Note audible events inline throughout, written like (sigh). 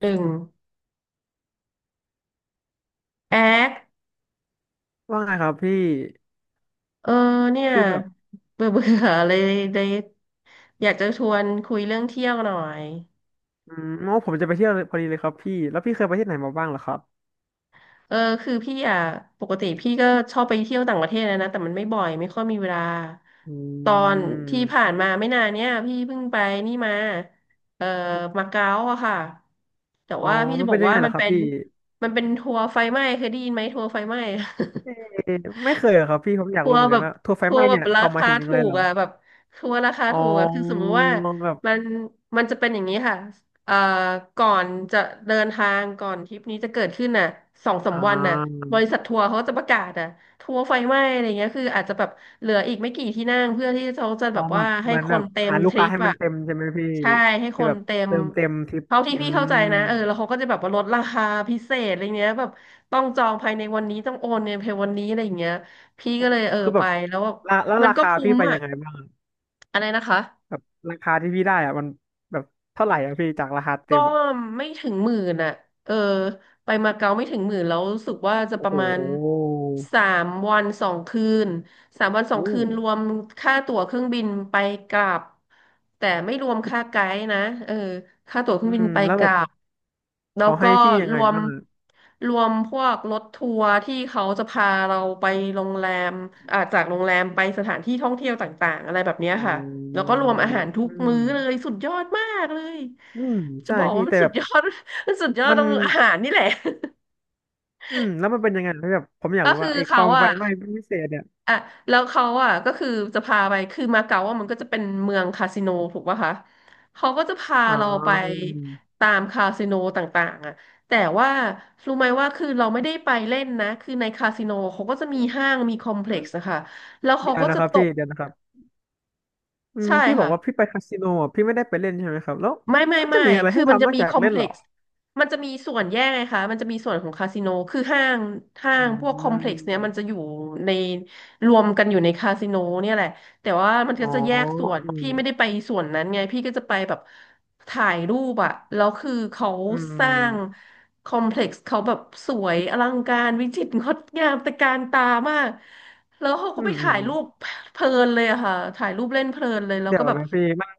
หนึ่งแอคว่าไงครับพี่เออเนี่ยคือแบบเบื่อเบื่อเลยอยากจะชวนคุยเรื่องเที่ยวหน่อยอืมอ๋อผมจะไปเที่ยวเลยพอดีเลยครับพี่แล้วพี่เคยไปที่ไหนมาบ้างเหรอครับเออคือพี่อ่ะปกติพี่ก็ชอบไปเที่ยวต่างประเทศนะแต่มันไม่บ่อยไม่ค่อยมีเวลาอืตอนที่ผ่ามนมาไม่นานเนี่ยพี่เพิ่งไปนี่มาเออมาเก๊าอะค่ะแต่อ๋อว่าพี่จะมันบอเป็นกยังว่าไงเหรมัอนครัเป็บนพี่มันเป็นทัวร์ไฟไหม้เคยได้ยินไหมทัวร์ไฟไหม้ เออไม่เคยเหรอครับพี่ผมอยากทัวรู้ร์เหมือนแบกันบว่าทัวร์ไฟทัวไหม้ร์แบบเนี่ยราเขาหมายคาถึงยังถูไงกเหรออ่ะแบบทัวร์ราคาอ๋อถูกอ่ะคือสมมติว่าแบบมันมันจะเป็นอย่างนี้ค่ะเอ่อก่อนจะเดินทางก่อนทริปนี้จะเกิดขึ้นน่ะสองสามอ่วันน่ะาบริษัททัวร์เขาจะประกาศอ่ะทัวร์ไฟไหม้อะไรเงี้ยคืออาจจะแบบเหลืออีกไม่กี่ที่นั่งเพื่อที่เขาจะอ๋แบอบแบว่าบให้เหมือนคแบนบเต็มหาลูทกริค้าปให้มัอ่ะนเต็มใช่ไหมพี่ใช่ให้คคือนแบบเต็มเติมเต็มทริปเท่าที่อืพี่เข้ามใจนะแล้วเขาก็จะแบบว่าลดราคาพิเศษอะไรเงี้ยแบบต้องจองภายในวันนี้ต้องโอนเงินภายในวันนี้อะไรอย่างเงี้ย พี่ก็เลยคือแบไปบแล้วแบบราแล้วมันราก็คาคุ้พี่มไปอ่ะยังไงบ้างอะไรนะคะ แบบราคาที่พี่ได้อะมันแบบเท่าไหร่อะพี่จากราคาเต็ก็มอะ ไม่ถึง 10,000 อ่ะเออไปมาเก๊าไม่ถึงหมื่นแล้วรู้สึกว่าจะปโอ้ระโหมาณสามวันสองคืนสามวันสออืงคืมนรวมค่าตั๋วเครื่องบินไปกลับ แต่ไม่รวมค่าไกด์นะเออค่าตั๋วเคอืรื่องบินมไปแล้วกแบลับบแล้วเขาก็ให้พี่ยังรไงวมบ้างอะรวมพวกรถทัวร์ที่เขาจะพาเราไปโรงแรมจากโรงแรมไปสถานที่ท่องเที่ยวต่างๆอะไรแบบอ๋เนี้ยค่ะ อแล้วก็รวมอาหารทุอืกมมื้อเลยสุดยอดมากเลย อืมจะใช่บอกพี่ว่ามันแต่สุแบดบยอด (laughs) มันสุดยอดมัตนรงอาหารนี่แหละ อืมแล้วมันเป็นยังไงพี่แบบผมอ (laughs) ยากก็รู้คือว่าไอ้คเขาวามไฟอ่ะไหม้พิเศษเนี่ยอ่ะแล้วเขาอ่ะก็คือจะพาไปคือมาเก๊าอ่ะมันก็จะเป็นเมืองคาสิโนถูกป่ะคะเขาก็จะพาอ๋เราไปอตามคาสิโนต่างๆอ่ะแต่ว่ารู้ไหมว่าคือเราไม่ได้ไปเล่นนะคือในคาสิโนเขาก็จะมีห้างมีคอมเพอืล็กมซ์นะคะแล้วเขาเดี๋ยวก็นะจะครับตพี่กเดี๋ยวนะครับอืมใช่พี่บอค่ะ กว่าพี่ไปคาสิโนอ่ะพี่ไม่ได้ไปเล่นใช่ไหมครับแล้วไม่ไม่เขาจะไม่มีอะไรคืให้อมันทำจะนอกมีจาคกอมเล่เพนเหล็รอกซ์มันจะมีส่วนแยกไงคะมันจะมีส่วนของคาสิโนคือห้างห้างพวกคอือมเพล็กซ์เนี้ยมันมจะอยู่ในรวมกันอยู่ในคาสิโนเนี่ยแหละ แต่ว่ามันอ๋ก็อจะแยกส่วน อืมพี่ไม่ได้ไปส่วนนั้นไงพี่ก็จะไปแบบถ่ายรูปอะแล้วคือเขาอืสร้างมคอมเพล็กซ์เขาแบบสวยอลังการวิจิตรงดงามตระการตามาก แล้วเขาก็อืไปม ถ่ายรูปเพลินเลยอะค่ะถ่ายรูปเล่นเพลินเลยแล้วเดี๋ยก็วแบบ นะพี่มัน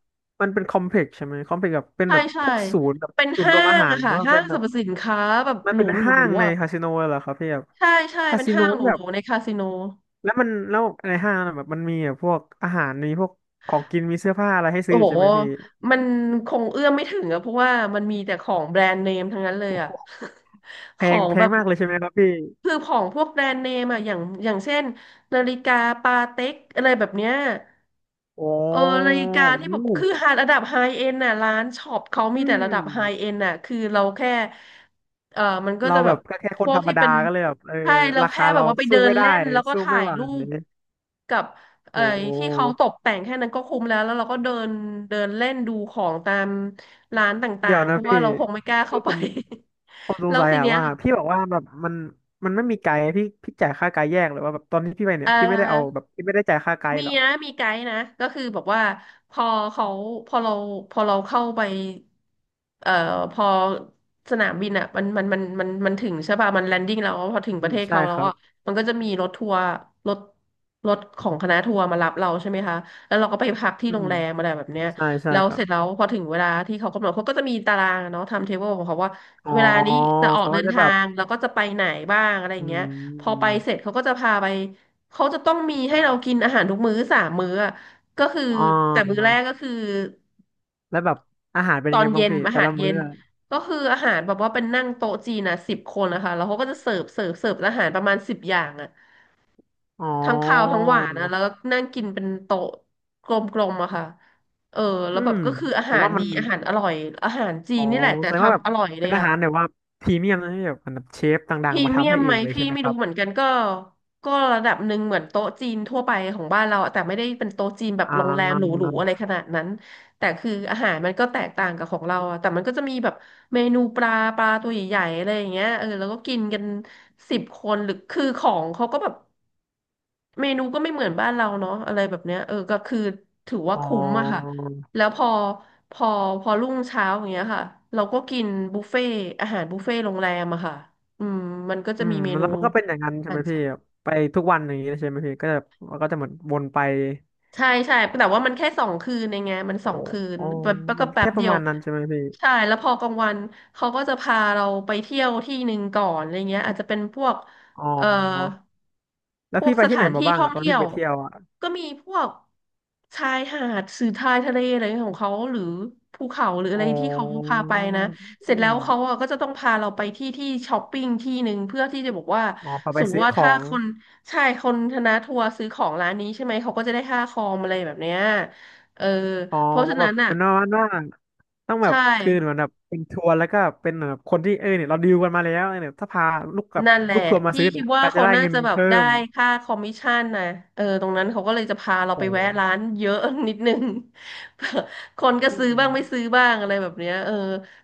มันเป็นคอมเพล็กซ์ใช่ไหมคอมเพล็กซ์แบบเป็นใช่แบบใช่พวกศูนย์แบบเป็นศูนย์รห้าวมอางหารอะหรือค่ะว่าห้าเป็งนสแบรรบพสินค้าแบบมันหรูเป็นหรูห้างในอะคาสิโนเหรอครับพี่แบบใช่ใช่คาเป็นสิโนห้างหรูที่แบหรูบในคาสิโนแล้วในห้างน่ะแบบมันมีแบบพวกอาหารมีพวกของกินมีเสื้อผ้าอะไรให้ซื้โอ้ออยู่ใช่โหไหมพี่มันคงเอื้อมไม่ถึงอะเพราะว่ามันมีแต่ของแบรนด์เนมทั้งนั้นเลยโอ้อะ โห (laughs) แพของงแพแบงบมากเลยใช่ไหมครับพี่คือของพวกแบรนด์เนมอะอย่างเช่นนาฬิกาปาเต็กอะไรแบบเนี้ย โอ้เออนาฬิกาที่แบอู้บคือหาระดับไฮเอ็นน่ะร้านช็อปเขาอืมีแต่ระดับไฮเอ็มนน่ะคือเราแค่มันก็เราจะแบแบบบก็แค่คพนวกธรรมที่ดาเป็นก็เลยแบบเออใช่เราราแค่คาแบบเราว่าไปสู้เดินไม่ได้เล่นแล้วก็สู้ถ่าไม่ยไหวรูปกับโอเอ่อที่เขา้ตกแต่งแค่นั้นก็คุ้มแล้วแล้วเราก็เดินเดินเล่นดูของตามร้านต่าเดี๋ยวงๆเพนะราะว่าพี่เราคงไม่กล้าคือเข้าไป ผม ผม (laughs) สงแล้วสัยทีอะเนี้ยว่าพี่บอกว่าแบบมันไม่มีไกด์พี่จ่ายค่าไกด์แยกหรือว่าแบบตอนที่พี่ไปเนี่เอ่ยพี่ไม่ได้เอาอ แบบพี่ไม่ได้จ่ายค่าไกมีด์เหรอนะมีไกด์นะก็คือบอกว่าพอเขาพอเราพอเราเข้าไปเอ่อพอสนามบินอ่ะมันถึงใช่ป่ะมันแลนดิ้งแล้วพอถึงอืประมเทศใช่เขาคแล้วรับอ่ะมันก็จะมีรถทัวร์รถรถของคณะทัวร์มารับเราใช่ไหมคะแล้วเราก็ไปพักที่อืโรงมแรมอะไรแบบเนี้ยใช่ใช่แล้วครัเสบร็จแล้วพอถึงเวลาที่เขากำหนดเขาก็จะมีตารางอะเนาะไทม์เทเบิลของเขาว่าอ๋อเวลานี้จะออกเขาเดิก็นจะทาแบบงแล้วก็จะไปไหนบ้างอะไรออืย่างเงี้ยพอไปมเสร็จเขาก็จะพาไป เขาจะต้องมีให้เรากินอาหารทุกมื้อสามมื้ออะก็คืออ๋แต่มื้อแรอกก็คือแล้วแบบอาหารเป็นตอยังนไงบ้าเย็งนพี่อาแต่หารละเย็มื้อนอะก็คืออาหารแบบว่าเป็นนั่งโต๊ะจีนนะ10 คนนะคะแล้วเขาก็จะเสิร์ฟอาหารประมาณ10 อย่างอะอ๋อทั้งคาวทั้งหวานนะแล้วก็นั่งกินเป็นโต๊ะกลมๆอะค่ะเออแล้อืวแบบมก็คืออาผมหารว่ามัดีนอาหารอร่อยอาหารจีอ๋นอนี่แหละแต่แสดงว่าแบบทำอร่อยเลเป็ยนอาอะ หารแบบว่าพรีเมียมนะที่แบบเหมือนแบบเชฟดัพงรีๆมาเมีทำยให้มเอไหมงเลยพี่ใช่ไหมไม่ครู้รับเหมือนกันก็ระดับหนึ่งเหมือนโต๊ะจีนทั่วไปของบ้านเราอะแต่ไม่ได้เป็นโต๊ะจีนแบบอ่โรงแรมหราูๆอะไรขนาดนั้นแต่คืออาหารมันก็แตกต่างกับของเราอะแต่มันก็จะมีแบบเมนูปลาตัวใหญ่ๆอะไรอย่างเงี้ยเออแล้วก็กินกัน10 คนหรือคือของเขาก็แบบ เมนูก็ไม่เหมือนบ้านเราเนาะอะไรแบบเนี้ยเออก็คือถือว่าอ๋อ คุ้มอะค่ะแล้วพอพอรุ่งเช้าอย่างเงี้ยค่ะเราก็กินบุฟเฟ่อาหารบุฟเฟ่โรงแรมอะค่ะอืมมันก็จะอืมีมเมแล้นูวมันก็เป็นอย่างนั้นอาใช่หาไหมรพี่เช้า ไปทุกวันอย่างนี้ใช่ไหมพี่ก็จะมันก็จะเหมือนวนไปใช่ใช่แต่ว่ามันแค่สองคืนเองไงมันสโอ้องคืนอ๋อแบบแล้วก็มันแป๊แค่บปเดีระยวมาณนั้นใช่ไหมพี่ใช่แล้วพอกลางวันเขาก็จะพาเราไปเที่ยวที่หนึ่งก่อนอะไรเงี้ยอาจจะเป็นพวกอ๋เอ่ออพแล้ววกพี่ไปสที่ถาไหนนมาที่บ้างท่ออะงตอนเที่ที่ยวไปเที่ยวอะก็มีพวกชายหาดสื่อทายทะเลอะไรของเขาหรือภูเขาหรืออ๋อะไรที่เขาอพาไปนะเสร็อืจแล้มวเขาอะก็จะต้องพาเราไปที่ที่ช้อปปิ้งที่หนึ่งเพื่อที่จะบอกว่า อ๋อพอสไปมมซื้ติอว่าขอถ้างคนใช่คนคณะทัวร์ซื้อของร้านนี้ใช่ไหมเขาก็จะได้ค่าคอมอะไรแบบเนี้ยเอออ๋อเพราะฉะแบนั้บนอ่ะเป็นประมาณว่าต้องแบบใช่คือเหมือนแบบเป็นทัวร์แล้วก็เป็นเหมือนแบบคนที่เออเนี่ยเราดีลกันมาแล้วเนี่ยถ้าพาลูกกับนั่นแหละลูกทัวร์มาพี่ซื้อคิเนี่ดยว่าเราจะเขาได้น่าเงินจะแบบเพิ่ได้มค่าคอมมิชชั่นนะเออตรงนั้นเขาก็เลยจะพาเราไปโอ้แวะร้านเยอะ (laughs) นิดนึง (laughs) คนก็อืซื้อมบ้างไม่ซื้อบ้างอะไรแบบเนี้ยเออ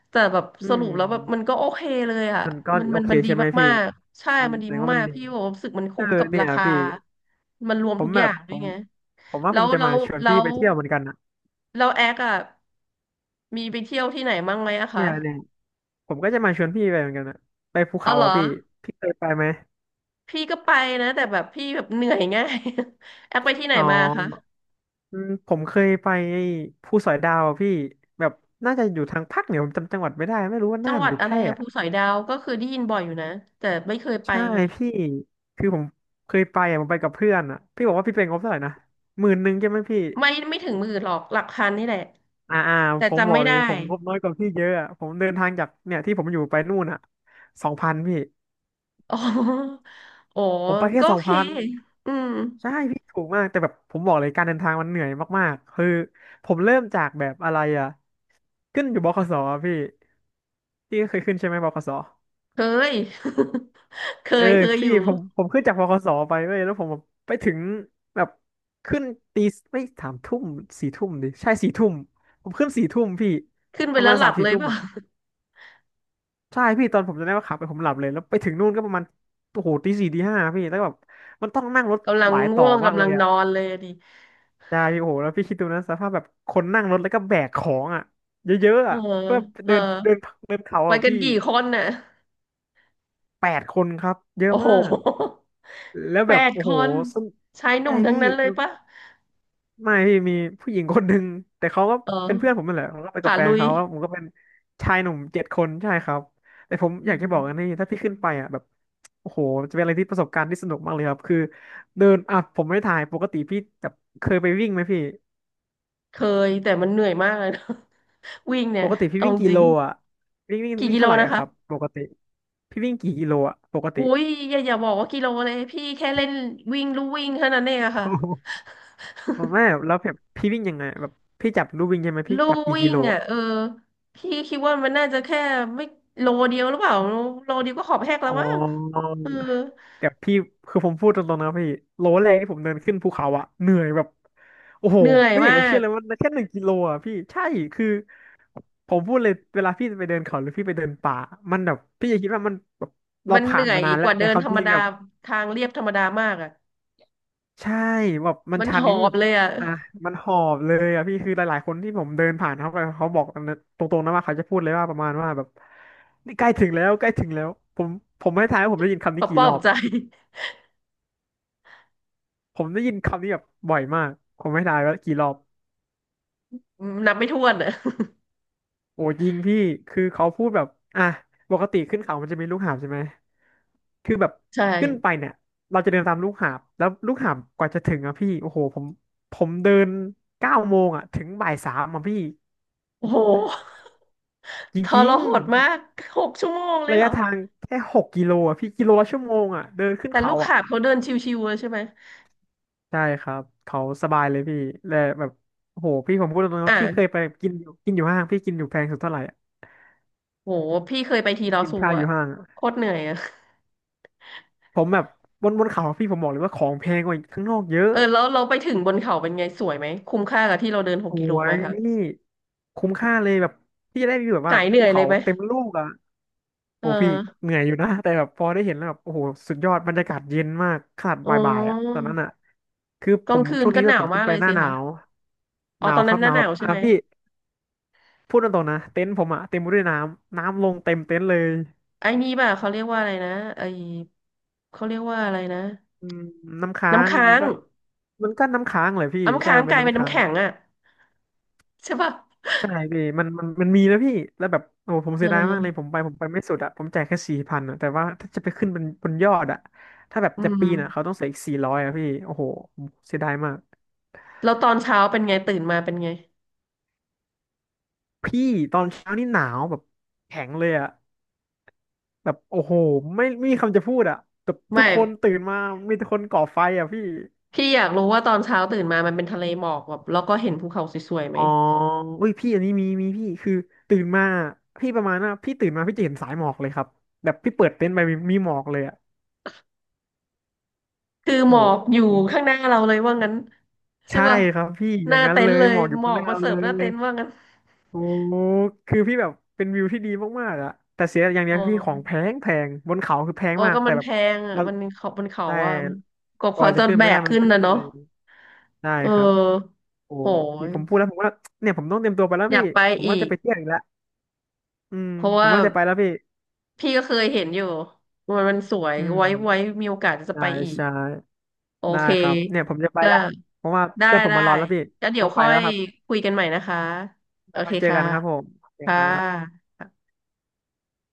แต่แบบอืสมรุปแล้วแบบมันก็โอเคเลยอ่ะมันก็มันโอมันเคมันดีใช่ไหมพี่ มากๆใช่มันมันแสดีดงว่ามัมานกดีๆพี่บอกว่ารู้สึกมันเอคุ้อมกับเนี่รายคาพี่มันรวมผทุมกแบอย่าบงด้ผวยมไง ผมว่าแล้ผวมจะแล้มาวชวนแล้พี่วไปเที่ยวเหมือนกันนะแล้วแอคอะมีไปเที่ยวที่ไหนบ้างไหมอะคะเนี่ยเนี่ยผมก็จะมาชวนพี่ไปเหมือนกันนะไปภูเอาเขาเหรออ่ะพี่พี่เคยไปไหมพี่ก็ไปนะแต่แบบพี่แบบเหนื่อยง่าย (laughs) แอคไปที่ไหนอ๋อมาคะอืมผมเคยไปไอ้ภูสอยดาวอ่ะพี่แบบน่าจะอยู่ทางภาคเหนือผมจำจังหวัดไม่ได้ไม่รู้ว่าจัน่างนหวัหดรืออะแพไรร่อะอะภูสอยดาวก็คือได้ยินบ่อยอยู่นะแต่ไม่เคยไปใช่ไงพี่คือผมเคยไปอ่ะผมไปกับเพื่อนอ่ะพี่บอกว่าพี่เป็นงบเท่าไหร่นะ11,000ใช่ไหมพี่ ไม่ถึง10,000หรอกหลักพันนี่แหละอ่าอ่าแต่ผมบจำอกไม่เลได้ ยผมงบน้อยกว่าพี่เยอะอะผมเดินทางจากเนี่ยที่ผมอยู่ไปนู่นอ่ะสองพันพี่ (laughs) อ๋อโอ้ผมไปแค่ก็สโอองเคพันอืมใช่พี่ถูกมากแต่แบบผมบอกเลยการเดินทางมันเหนื่อยมากๆคือผมเริ่มจากแบบอะไรอ่ะขึ้นอยู่บขสอะพี่พี่เคยขึ้นใช่ไหมบขสเคย (laughs) เคเออยเคยอพี่ยู่ผมขึ้นจากบขสไปเว้ยแล้วผมแบบไปถึงแบบขึ้นตีไม่สามทุ่มสี่ทุ่มดิใช่สี่ทุ่มผมขึ้นสี่ทุ่มพี่ขึ้นไปประแล้มาวณหลัสามบสี่เลยทุ่เปมล่ะ อ่ะ ใช่พี่ตอนผมจะได้ว่าขับไปผมหลับเลยแล้วไปถึงนู่นก็ประมาณโอ้โหตีสี่ตีห้าพี่แล้วแบบมันต้องนั่งรถ (laughs) กำลังหลายต่ง่อวงมากกำเลลัยงนอ่ะอนเลยอะดิ ใช่พี่โอ้โหแล้วพี่คิดดูนะสภาพแบบคนนั่งรถแล้วก็แบกของอ่ะเยอะเอๆออ่ะเพื่อเออเดินเดินเดินเขาไปอ่ะกันพี่กี่คนน่ะ8 คนครับเยอะโอ้โห มากแล้ว (laughs) แปแบบดโอ้คโหนส้นชายหใช่นุ่มทั้งพี่ นั้นเลยปะไม่พี่มีผู้หญิงคนหนึ่งแต่เขาก็เอเป็นเพื่อนผอมนั่นแหละเมาก็ไปกัขาบแฟลุนยเขาแล้วผมก็เป็นชายหนุ่ม7 คนใช่ครับแต่ผมอือยากจะบอกอันมนี้ถ้าพี่ขึ้นไปอ่ะแบบโอ้โหจะเป็นอะไรที่ประสบการณ์ที่สนุกมากเลยครับคือเดินอ่ะผมไม่ถ่ายปกติพี่แบบเคยไปวิ่งไหมพี่เคยแต่มันเหนื่อยมากเลยนะ (laughs) วิ่งเนี่ปยกติพี่เอาวิ่งกี่จริโลงอ่ะวิ่งวิ่งกี่วิ่งกิโลเท่าไหร่นะอะครับคะปกติพี่วิ่งกี่กิโลอ่ะปกติโอ้ยอย่าบอกว่ากิโลเลยพี่แค่เล่นวิ่งลู่วิ่งเท่านั้นเองอะค่ะ โอ้โหไม่แล้วแบบพี่วิ่งยังไงแบบพี่จับลู่วิ่งใช่ไหม (laughs) พี่ลู่จับกี่วิ่กิโลงอ่ะอ่ะเออพี่คิดว่ามันน่าจะแค่ไม่โลเดียวหรือเปล่าโลเดียวก็ขอบแหกแล้อ๋วมั้งอ เออแต่พี่คือผมพูดตรงๆนะพี่โลแรกที่ผมเดินขึ้นภูเขาอะเหนื่อยแบบโอ้โหเหนื่อยไม่อยามากจะเชื่อก เลยว่าแค่1 กิโลอะพี่ใช่คือผมพูดเลยเวลาพี่จะไปเดินเขาหรือพี่ไปเดินป่ามันแบบพี่จะคิดว่ามันแบบเรามันเหผ่านื่นอมายนานกแล้วว่าแต่เดินความธรจรมริงดาแบบทางเรียบธรรมดามากอ่ะใช่แบบมันมันชัหนอนี่บแบบเลยอ่ะอ่ะมันหอบเลยอะพี่คือหลายๆคนที่ผมเดินผ่านเขาไปเขาบอกตรงๆนะว่าเขาจะพูดเลยว่าประมาณว่าแบบนี่ใกล้ถึงแล้วใกล้ถึงแล้วผมผมไม่ทายว่าผมได้ยินคำปนี้อบกี่ปอรบอบ ใจผมได้ยินคำนี้แบบบ่อยมาก ผมไม่ทายว่ากี่รอบนับไม่ถ้วนอ่ะโอ้ยิงพี่คือเขาพูดแบบอ่ะปกติขึ้นเขามันจะมีลูกหาบใช่ไหมคือแบบใช่ขึ้นไปเนี่ยเราจะเดินตามลูกหาบ แล้วลูกหาบกว่าจะถึงอ่ะพี่โอ้โหผมผมเดิน9 โมงอ่ะถึงบ่ายสามอ่ะพี่โอ้โหจทริรงหดมาก6 ชั่วโมงเลๆยระเหรยะอทางแค่6 กิโลอ่ะพี่กิโลละชั่วโมงอ่ะเดินขึ้นแต่ลูเขากอ่ะหาบเขาเดินชิวๆอะใช่ไหมใช่ครับเขาสบายเลยพี่และแบบโอ้โหพี่ผมพูดตรงๆว่าพี่เคยอ่ะไปกินอยู่ห้างพี่กินอยู่แพงสุดเท่าไหร่อะโหพี่เคยไปทีลอกินซูข้าวออะยู่ห้าง โคตรเหนื่อยอะผมแบบบนเขาพี่ผมบอกเลยว่าของแพงกว่าข้างนอกเยอะเออแล้วเราไปถึงบนเขาเป็นไงสวยไหมคุ้มค่ากับที่เราเดินหกโอ้กิโลไหยมคะนี่คุ้มค่าเลยแบบพี่จะได้วิวแบบหาว่ายเหนื่ภูอยเลเขายไหมเต็มลูกอ่ะเอโอ้พี่อเหนื่อยอยู่นะแต่แบบพอได้เห็นแล้วแบบโอ้โหสุดยอดบรรยากาศเย็นมากขนาดอ๋บ่ายๆอ่ะตอนอนั้นอ่ะคือกผลางมคืช่นวงก็นี้หด้วยนาผวมขึ้มานกไปเลยหน้าสิหนาคะวอ๋อหนาตอวนคนั้รันบหหน้านาวหแบนาบวใช่อ่ะไหม พี่พูดตรงๆนะเต็นท์ผมอ่ะเต็มไปด้วยน้ำลงเต็มเต็นท์เลยไอ้นี่ป่ะเขาเรียกว่าอะไรนะไอ้เขาเรียกว่าอะไรนะอืมน้ำค้าน้ำงค้ามันงก็มันก็น้ำค้างเลยพี่น้ำใช่ค้างมันกเป็นลายเป็นน้ำน้ำค้าง แข็งอ่ะใช่ป่ะใช่พี่มันมีแล้วพี่แล้วแบบโอ้ผมเเสียดายมากเลยออผมไปไม่สุดอะผมจ่ายแค่4,000อะแต่ว่าถ้าจะไปขึ้นบนยอดอะถ้าแบบอืจะมปีนอะเขาต้องเสียอีก400อะพี่โอ้โหผมเสียดายมากแล้วตอนเช้าเป็นไงตื่นมาเป็นไงพี่ตอนเช้านี่หนาวแบบแข็งเลยอะแบบโอ้โหไม่มีคำจะพูดอะแบบทุไม่กคนตื่นมามีแต่คนก่อไฟอะพี่พี่อยากรู้ว่าตอนเช้าตื่นมามันเป็นทะเลหมอกแบบแล้วก็เห็นภูเขาสวยๆไหมอ๋ออุ้ยพี่อันนี้มีพี่คือตื่นมาพี่ประมาณน่ะพี่ตื่นมาพี่จะเห็นสายหมอกเลยครับแบบพี่เปิดเต็นท์ไปมีหมอกเลยอะคือหโอ้มอกอยู่โห ข้างหน้าเราเลยว่างั้นใช่ใช่ป่ะครับพี่อหย่าน้างนั้นเต็นเลท์ยเลหยมอกอยู่หมข้าองหกมาน้าเสิร์ฟหเลน้าเต็ยนท์ว่างั้นโอ้คือพี่แบบเป็นวิวที่ดีมากๆอะแต่เสียอย่างเดีอ๋ยอวพี่ของแพงบนเขาคือแพงโอ้มากก็มัแต่นแบแพบงอ่ะเรามันเขามันเขาได้ว่าก็กขอว่าจจะนขึ้นแบไม่ได้กมันขึ้นก็เหนะเนาะ นื่อยได้เครับออโอ้โหพี่ยผมพูดแล้วผมว่าเนี่ยผมต้องเตรียมตัวไปแล้วอยาพี่กไปผมอีว่าจะกไปเที่ยวอีกแล้วอืมเพราะผว่ามว่าจะไปแล้วพี่พี่ก็เคยเห็นอยู่มันมันสวยอืไว้ไว้มมีโอกาสจะใช่ไปอีกใช่โอได้เคครับเนี่ยผมจะไปก็ละเพราะว่าได้เพื่อนผมได้มารอแล้วพี่ก็เดี๋ยต้อวงไปค่อแล้วยครับคุยกันใหม่นะคะโอเราค่เคอยเจอค่ะกันครับผมโอเคค่ะครับ